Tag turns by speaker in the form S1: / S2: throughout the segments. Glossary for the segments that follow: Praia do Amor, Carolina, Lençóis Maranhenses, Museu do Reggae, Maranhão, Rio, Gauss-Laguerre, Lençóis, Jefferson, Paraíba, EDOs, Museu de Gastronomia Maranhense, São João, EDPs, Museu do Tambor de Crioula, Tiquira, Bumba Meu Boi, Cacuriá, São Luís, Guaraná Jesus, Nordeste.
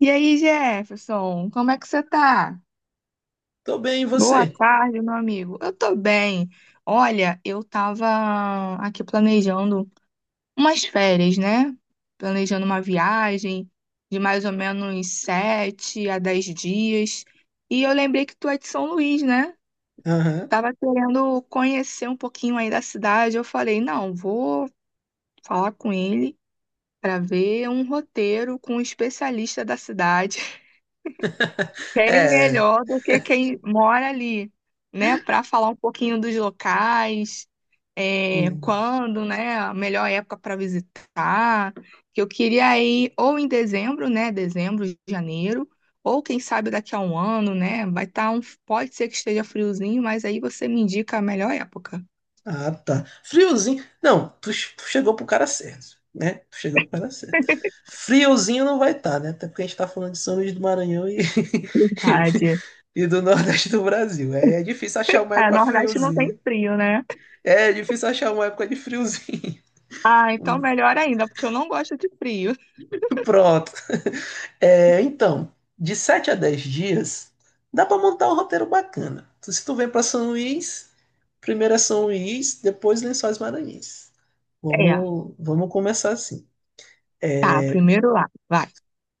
S1: E aí, Jefferson, como é que você tá?
S2: Tô bem, e
S1: Boa
S2: você?
S1: tarde, meu amigo. Eu tô bem. Olha, eu tava aqui planejando umas férias, né? Planejando uma viagem de mais ou menos 7 a 10 dias. E eu lembrei que tu é de São Luís, né?
S2: Aham.
S1: Tava querendo conhecer um pouquinho aí da cidade. Eu falei, não, vou falar com ele para ver um roteiro com um especialista da cidade. Quem
S2: É.
S1: melhor do que quem mora ali, né? Para falar um pouquinho dos locais,
S2: hum,
S1: quando, né? A melhor época para visitar. Que eu queria ir ou em dezembro, né? Dezembro, janeiro, ou quem sabe daqui a um ano, né? Pode ser que esteja friozinho, mas aí você me indica a melhor época.
S2: Ah, tá. Friozinho. Não, tu, tu chegou pro cara certo, né? Tu chegou pro cara certo. Friozinho não vai estar, né? Até porque a gente tá falando de São Luís do Maranhão
S1: Verdade.
S2: e do Nordeste do Brasil. É difícil achar uma
S1: É,
S2: época
S1: Nordeste não tem
S2: friozinho.
S1: frio, né?
S2: É difícil achar uma época de friozinho.
S1: Ah, então
S2: Hum.
S1: melhor ainda, porque eu não gosto de frio.
S2: Pronto. É, então, de 7 a 10 dias, dá para montar um roteiro bacana. Então, se tu vem para São Luís, primeiro é São Luís, depois Lençóis Maranhenses.
S1: É,
S2: Vamos começar assim.
S1: tá, primeiro lá, vai.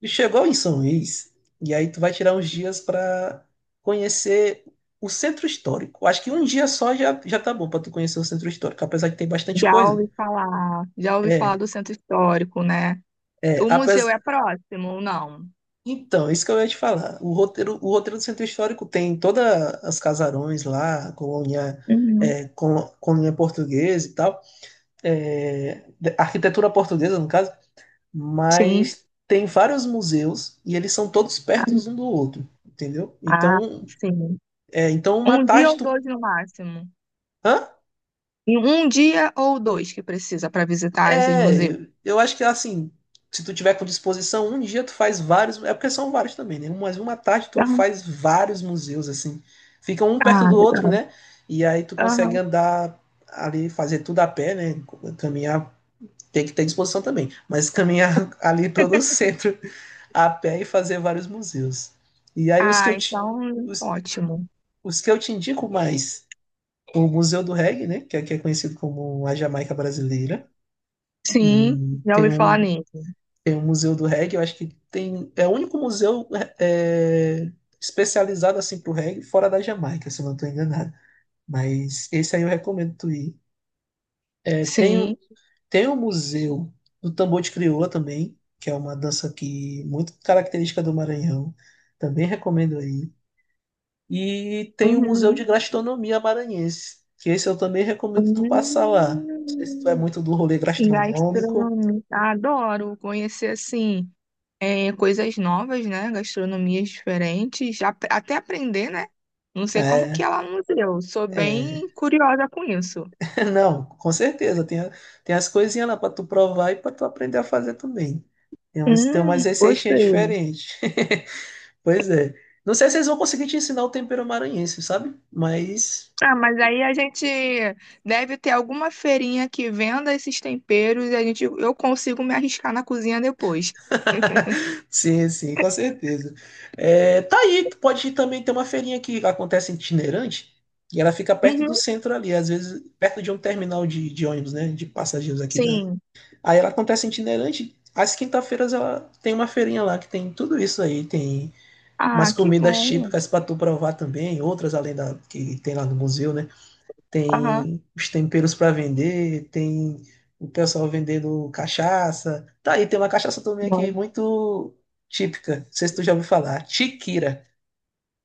S2: Tu chegou em São Luís, e aí tu vai tirar uns dias para conhecer o centro histórico. Acho que um dia só já tá bom para tu conhecer o centro histórico, apesar de ter bastante
S1: Já
S2: coisa.
S1: ouvi falar, já ouvi falar
S2: É,
S1: do centro histórico, né?
S2: é,
S1: O museu
S2: apes-
S1: é próximo, ou não?
S2: Então, isso que eu ia te falar. O roteiro do Centro Histórico tem todas as casarões lá, colônia,
S1: Uhum.
S2: colônia portuguesa e tal, arquitetura portuguesa, no caso,
S1: Sim.
S2: mas tem vários museus e eles são todos perto um do outro, entendeu?
S1: Ah,
S2: Então,
S1: sim.
S2: é, então uma
S1: Um dia
S2: tarde
S1: ou
S2: tu...
S1: dois no máximo.
S2: Hã?
S1: E um dia ou dois que precisa para visitar esses museus.
S2: É, eu acho que assim, se tu tiver com disposição, um dia tu faz vários, é porque são vários também, né? Mas uma tarde tu
S1: Aham.
S2: faz vários museus assim, ficam um perto
S1: Ah,
S2: do outro,
S1: legal.
S2: né? E aí tu consegue
S1: Aham.
S2: andar ali, fazer tudo a pé, né? Caminhar, tem que ter disposição também, mas caminhar ali todo o centro a pé e fazer vários museus. E aí
S1: Ah, então,
S2: os,
S1: ótimo.
S2: os que eu te indico mais, o Museu do Reggae, né? Que aqui é conhecido como a Jamaica Brasileira.
S1: Sim,
S2: E
S1: já ouvi falar nele.
S2: tem o Museu do Reggae, eu acho que tem. É o único museu é, é, especializado assim pro reggae fora da Jamaica, se eu não estou enganado. Mas esse aí eu recomendo tu ir. É, tem,
S1: Sim.
S2: o- tem o Museu do Tambor de Crioula também, que é uma dança que muito característica do Maranhão. Também recomendo aí. E tem o Museu de
S1: Uhum.
S2: Gastronomia Maranhense, que esse eu também recomendo tu passar lá. Não sei se tu é
S1: Hum.
S2: muito do rolê gastronômico,
S1: Gastronomia. Adoro conhecer assim, coisas novas, né? Gastronomias diferentes, já até aprender, né? Não sei como que
S2: né?
S1: ela não deu. Sou
S2: É,
S1: bem curiosa com isso.
S2: Não, com certeza. Tem as coisinhas lá para tu provar e para tu aprender a fazer também. Tem umas receitinhas
S1: Gostei.
S2: diferentes. Pois é. Não sei se eles vão conseguir te ensinar o tempero maranhense, sabe? Mas.
S1: Ah, mas aí a gente deve ter alguma feirinha que venda esses temperos, e eu consigo me arriscar na cozinha depois.
S2: Sim, sim, com certeza. É, tá aí, tu pode também ter uma feirinha que acontece itinerante e ela fica perto do
S1: Uhum,
S2: centro ali, às vezes perto de um terminal de ônibus, né? De passageiros aqui da.
S1: sim.
S2: Aí ela acontece itinerante. Às quinta-feiras ela tem uma feirinha lá que tem tudo isso aí. Tem umas
S1: Ah, que
S2: comidas
S1: bom.
S2: típicas para tu provar também, outras além da que tem lá no museu, né?
S1: Aham.
S2: Tem os temperos para vender, tem o pessoal vendendo cachaça. Tá aí, tem uma cachaça também aqui
S1: Bom.
S2: muito típica. Não sei se tu já ouviu falar. Tiquira.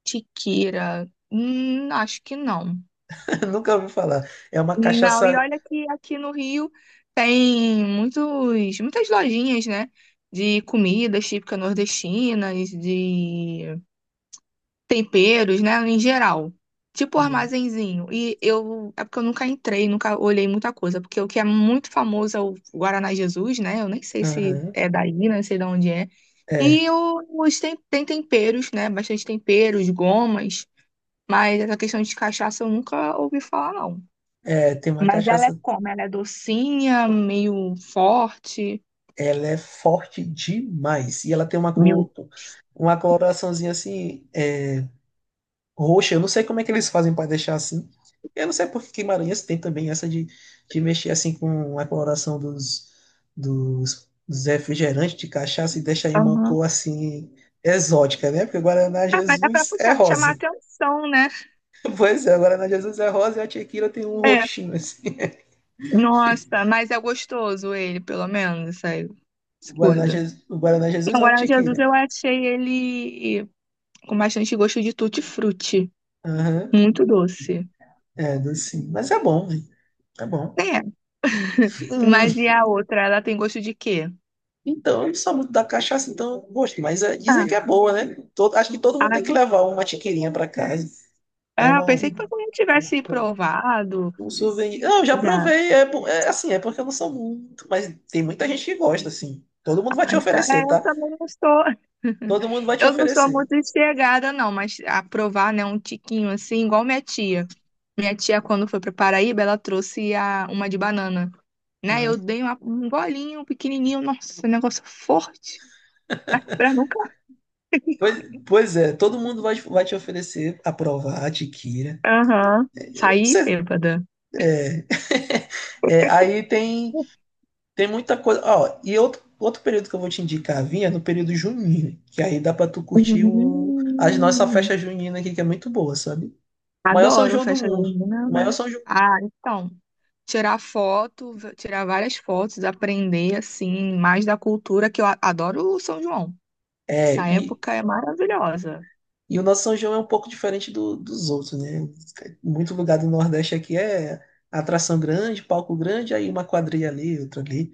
S1: Tiqueira. Acho que não.
S2: Nunca ouviu falar. É uma
S1: Não, e
S2: cachaça.
S1: olha que aqui no Rio tem muitas lojinhas, né? De comidas típicas nordestinas, de temperos, né? Em geral. Tipo armazenzinho. E eu. É porque eu nunca entrei, nunca olhei muita coisa. Porque o que é muito famoso é o Guaraná Jesus, né? Eu nem sei se
S2: Aham.
S1: é daí, não sei de onde é.
S2: É,
S1: Tem temperos, né? Bastante temperos, gomas. Mas essa questão de cachaça eu nunca ouvi falar, não.
S2: tem uma
S1: Mas ela é
S2: cachaça.
S1: como? Ela é docinha, meio forte?
S2: Ela é forte demais. E ela tem uma
S1: Meio.
S2: cor, uma coloraçãozinha assim roxa. Eu não sei como é que eles fazem para deixar assim. Eu não sei porque Guimarães tem também essa de mexer assim com a coloração dos refrigerantes de cachaça e deixar em uma
S1: Aham.
S2: cor assim exótica, né? Porque o Guaraná
S1: Ah, mas é pra
S2: Jesus é
S1: puxar, chamar
S2: rosa.
S1: atenção, né?
S2: Pois é, o Guaraná Jesus é rosa e a tequila tem um
S1: É.
S2: roxinho assim.
S1: Nossa, mas é gostoso ele, pelo menos, essa, essa coisa.
S2: O Guaraná Jesus
S1: O
S2: é uma
S1: Guaraná Jesus eu
S2: tequila.
S1: achei ele com bastante gosto de tutti-frutti.
S2: Aham.
S1: Muito doce.
S2: É, docinho. Mas é bom, né? É bom.
S1: É.
S2: Hum.
S1: Mas e a outra? Ela tem gosto de quê?
S2: Então, eu não sou muito da cachaça, então gosto, mas é, dizem
S1: Ah,
S2: que é boa, né? Acho que todo mundo tem que
S1: ah,
S2: levar uma tiqueirinha para casa. É
S1: ah, eu
S2: uma,
S1: pensei que todo mundo tivesse provado
S2: um souvenir. Não, eu já
S1: já.
S2: provei, é assim, é porque eu não sou muito, mas tem muita gente que gosta, assim. Todo mundo vai te
S1: Ah, então,
S2: oferecer,
S1: eu
S2: tá?
S1: também não estou.
S2: Todo mundo vai te
S1: Eu não sou
S2: oferecer.
S1: muito chegada, não, mas aprovar, né, um tiquinho assim, igual minha tia. Minha tia, quando foi pra Paraíba, ela trouxe uma de banana, né?
S2: Uhum.
S1: Eu dei um golinho pequenininho, nossa, um negócio forte, pra, nunca,
S2: Pois, pois é, todo mundo vai te oferecer a provar a tiqueira.
S1: aham, sair
S2: Você-
S1: bêbada.
S2: é, aí tem tem muita coisa. Ó, e outro período que eu vou te indicar, vinha é no período junino, que aí dá pra tu curtir o as nossa
S1: Hum,
S2: festa junina aqui, que é muito boa, sabe? Maior São
S1: adoro
S2: João do
S1: festa
S2: mundo.
S1: junina,
S2: Maior
S1: né?
S2: São João.
S1: Ah, então, tirar foto, tirar várias fotos, aprender assim mais da cultura, que eu adoro o São João.
S2: É,
S1: Essa
S2: e,
S1: época é maravilhosa.
S2: e o nosso São João é um pouco diferente dos outros, né? Muito lugar do Nordeste aqui é atração grande, palco grande, aí uma quadrilha ali, outra ali.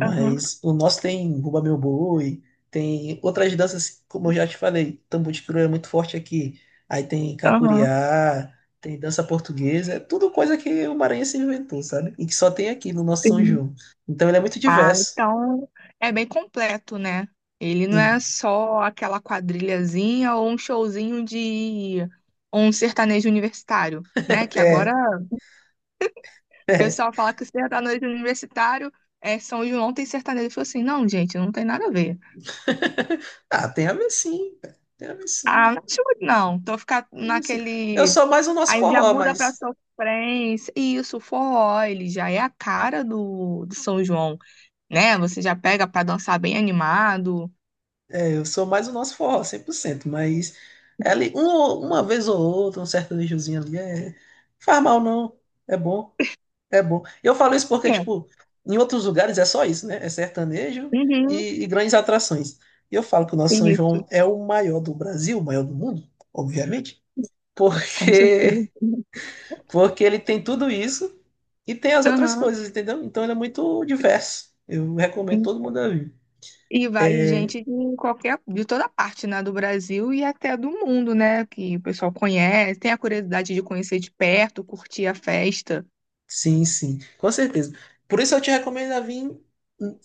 S1: Aham,
S2: o nosso tem Bumba Meu Boi, tem outras danças, como eu já te falei, tambor de crioulo é muito forte aqui. Aí tem
S1: aham,
S2: cacuriá, tem dança portuguesa, é tudo coisa que o maranhense inventou, sabe? E que só tem aqui no nosso São
S1: sim.
S2: João. Então ele é muito
S1: Ah,
S2: diverso.
S1: então é bem completo, né? Ele não é
S2: Sim.
S1: só aquela quadrilhazinha ou um showzinho de um sertanejo universitário, né? Que agora
S2: É,
S1: o
S2: é.
S1: pessoal fala que sertanejo universitário é São João, tem sertanejo. Eu falo assim, não, gente, não tem nada a ver.
S2: Ah, tem a ver sim, cara. Tem a ver
S1: Ah,
S2: sim,
S1: não acho muito não. Tô ficando
S2: tem a ver sim. Eu
S1: naquele.
S2: sou mais o nosso
S1: Aí já
S2: forró,
S1: muda pra
S2: mas
S1: sofrência. E isso, o forró, ele já é a cara do São João, né? Você já pega pra dançar bem animado.
S2: eu sou mais o nosso forró, 100%, mas é ali, uma vez ou outra, um certo lixozinho ali, é, faz mal não, é bom, é bom. Eu falo isso porque,
S1: É,
S2: tipo, em outros lugares é só isso, né? É sertanejo
S1: uhum,
S2: e grandes atrações. E eu falo que o nosso São
S1: isso,
S2: João é o maior do Brasil, o maior do mundo, obviamente,
S1: com certeza.
S2: porque, porque ele tem tudo isso e tem as outras
S1: Aham.
S2: coisas, entendeu? Então ele é muito diverso. Eu recomendo todo mundo a vir.
S1: E vai gente de toda parte, né, do Brasil e até do mundo, né, que o pessoal conhece, tem a curiosidade de conhecer de perto, curtir a festa.
S2: Sim, sim, com certeza. Por isso eu te recomendo a vir,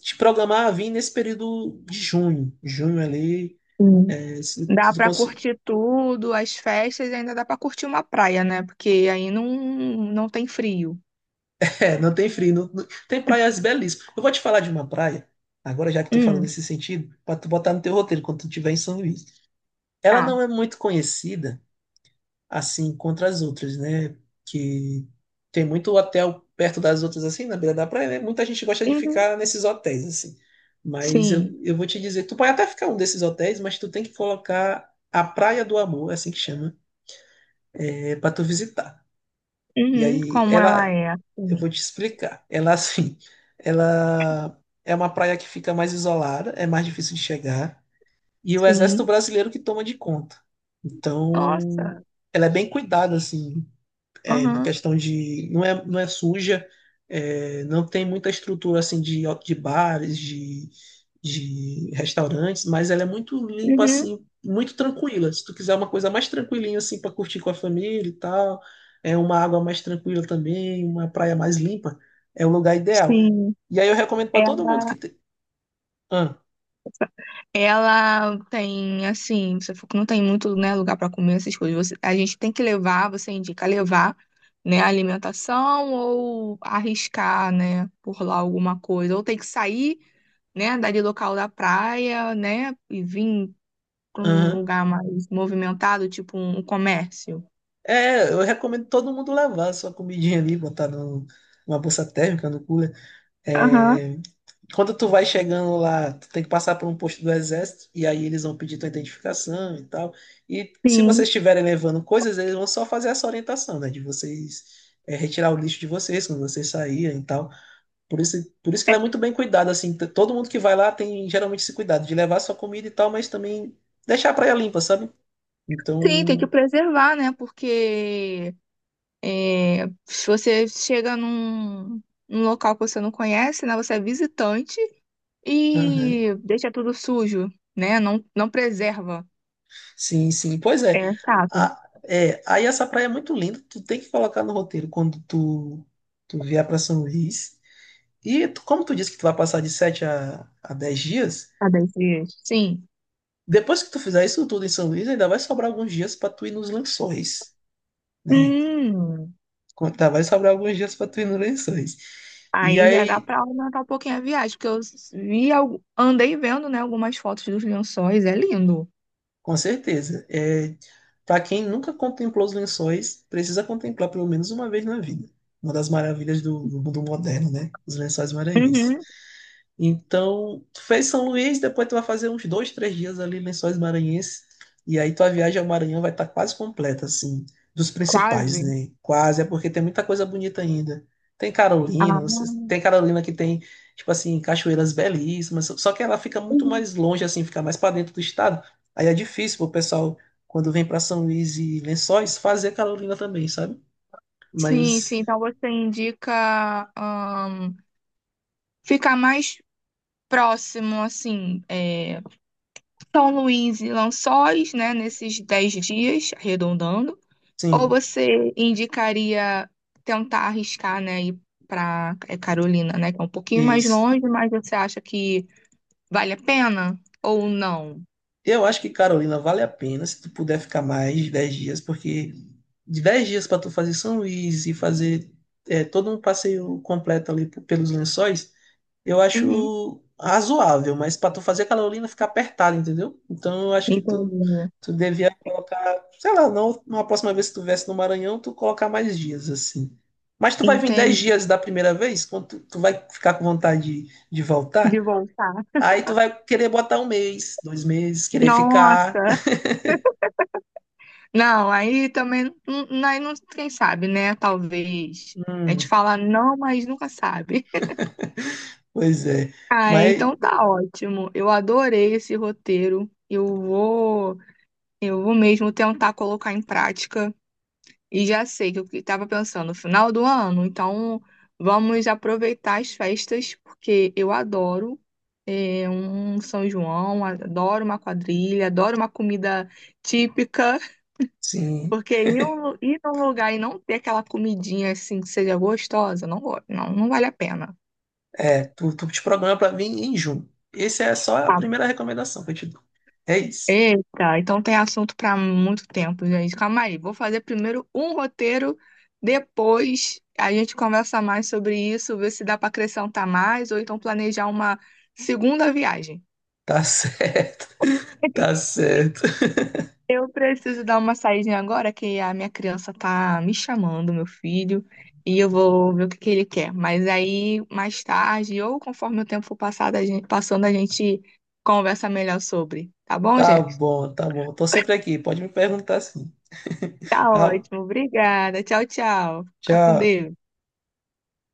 S2: te programar a vir nesse período de junho. Junho ali,
S1: Sim.
S2: é, se
S1: Dá
S2: tu
S1: pra
S2: conseguir.
S1: curtir tudo, as festas, e ainda dá pra curtir uma praia, né, porque aí não tem frio.
S2: É, não tem frio, tem praias belíssimas. Eu vou te falar de uma praia, agora já que tu falando
S1: Hum,
S2: nesse sentido, para tu botar no teu roteiro quando tu estiver em São Luís. Ela
S1: tá.
S2: não é muito conhecida, assim contra as outras, né? Que tem muito hotel perto das outras, assim, na beira da praia, né? Muita gente gosta de
S1: Uhum,
S2: ficar nesses hotéis, assim. Mas
S1: sim.
S2: eu vou te dizer, tu pode até ficar um desses hotéis, mas tu tem que colocar a Praia do Amor, é assim que chama, é, para tu visitar. E
S1: Uhum,
S2: aí,
S1: como ela
S2: ela,
S1: é.
S2: eu
S1: Sim.
S2: vou te explicar. Ela, assim, ela é uma praia que fica mais isolada, é mais difícil de chegar, e o Exército
S1: Sim.
S2: Brasileiro que toma de conta. Então,
S1: Nossa.
S2: ela é bem cuidada, assim, é, na
S1: Aham.
S2: questão de não é, não é suja, é, não tem muita estrutura assim de bares, de restaurantes, mas ela é muito limpa
S1: Uhum,
S2: assim, muito tranquila. Se tu quiser uma coisa mais tranquilinha assim para curtir com a família e tal, é uma água mais tranquila também, uma praia mais limpa, é o lugar ideal.
S1: sim.
S2: E aí eu recomendo para todo mundo que
S1: Ela
S2: tem. Ah,
S1: Ela tem, assim, você falou que não tem muito, né, lugar para comer essas coisas. A gente tem que levar, você indica levar, né, a alimentação, ou arriscar, né, por lá alguma coisa. Ou tem que sair, né, dali local da praia, né, e vir para um
S2: aham.
S1: lugar mais movimentado, tipo um comércio.
S2: É, eu recomendo todo mundo levar a sua comidinha ali, botar numa bolsa térmica, no cooler.
S1: Aham,
S2: É, quando tu vai chegando lá, tu tem que passar por um posto do exército, e aí eles vão pedir tua identificação e tal. E se
S1: sim.
S2: vocês estiverem levando coisas, eles vão só fazer essa orientação, né? De vocês é, retirar o lixo de vocês quando vocês saírem e tal. Por isso, por isso que ela
S1: É,
S2: é muito bem cuidada, assim. Todo mundo que vai lá tem geralmente esse cuidado de levar sua comida e tal, mas também deixar a praia limpa, sabe?
S1: sim, tem que
S2: Então.
S1: preservar, né, porque, se você chega num local que você não conhece, né? Você é visitante
S2: Aham.
S1: e deixa tudo sujo, né? Não, não preserva.
S2: Sim, sim. Pois é.
S1: É chato.
S2: É. Aí essa praia é muito linda, tu tem que colocar no roteiro quando tu vier para São Luís. Como tu disse que tu vai passar de 7 a 10 dias,
S1: Tá 10 dias. Sim.
S2: depois que tu fizer isso tudo em São Luís, ainda vai sobrar alguns dias para tu ir nos lençóis, né?
S1: Hum,
S2: Tá, vai sobrar alguns dias para tu ir nos lençóis. E
S1: aí já dá
S2: aí,
S1: pra aumentar um pouquinho a viagem, porque andei vendo, né, algumas fotos dos lençóis, é lindo.
S2: com certeza, é, para quem nunca contemplou os lençóis, precisa contemplar pelo menos uma vez na vida. Uma das maravilhas do mundo moderno, né? Os lençóis maranhenses.
S1: Uhum,
S2: Então, tu fez São Luís, depois tu vai fazer uns dois, três dias ali em Lençóis Maranhenses, e aí tua viagem ao Maranhão vai estar quase completa, assim, dos
S1: quase.
S2: principais, né? Quase, é porque tem muita coisa bonita ainda. Tem Carolina,
S1: Ah,
S2: tem Carolina que tem, tipo assim, cachoeiras belíssimas, só que ela fica muito
S1: uhum.
S2: mais longe, assim, fica mais para dentro do estado. Aí é difícil pro pessoal, quando vem para São Luís e Lençóis, fazer Carolina também, sabe?
S1: Sim,
S2: Mas,
S1: sim. Então você indica, ficar mais próximo, assim, São Luís e Lençóis, né, nesses 10 dias, arredondando? Ou
S2: sim,
S1: você indicaria tentar arriscar, né, ir para Carolina, né, que é um pouquinho mais longe, mas você acha que vale a pena ou não?
S2: eu acho que Carolina vale a pena se tu puder ficar mais de 10 dias, porque de 10 dias para tu fazer São Luís e fazer é, todo um passeio completo ali pelos Lençóis, eu
S1: Uhum,
S2: acho razoável, mas para tu fazer Carolina fica apertado, entendeu? Então eu acho que tu,
S1: entendi.
S2: tu devia colocar, sei lá, não, uma próxima vez que tu viesse no Maranhão, tu colocar mais dias assim. Mas tu vai vir 10
S1: Entendi.
S2: dias da primeira vez? Quando tu vai ficar com vontade de
S1: De
S2: voltar?
S1: voltar.
S2: Aí tu vai querer botar um mês, dois meses, querer ficar.
S1: Nossa. Não, aí também, aí não, quem sabe, né? Talvez. A gente
S2: Hum,
S1: fala não, mas nunca sabe.
S2: pois é.
S1: Ah,
S2: Mas,
S1: então tá ótimo. Eu adorei esse roteiro. Eu vou mesmo tentar colocar em prática. E já sei que eu estava pensando no final do ano, então vamos aproveitar as festas, porque eu adoro, um São João, adoro uma quadrilha, adoro uma comida típica,
S2: sim,
S1: porque ir num lugar e não ter aquela comidinha assim que seja gostosa, não, não, não vale a pena.
S2: é, tu te programa pra vir em junho. Essa é só a primeira recomendação que eu te dou. É isso.
S1: Eita, então tem assunto para muito tempo, gente. Calma aí, vou fazer primeiro um roteiro, depois a gente conversa mais sobre isso, ver se dá para acrescentar mais ou então planejar uma segunda viagem.
S2: Tá certo. Tá certo.
S1: Eu preciso dar uma saída agora que a minha criança tá me chamando, meu filho, e eu vou ver o que que ele quer. Mas aí mais tarde, ou conforme o tempo for passado, a gente, passando, a gente conversa melhor sobre, tá bom,
S2: Tá
S1: Jeff?
S2: bom, tá bom. Tô sempre aqui. Pode me perguntar sim.
S1: Tá
S2: Tá,
S1: ótimo, obrigada. Tchau, tchau. Fica com
S2: tchau.
S1: Deus.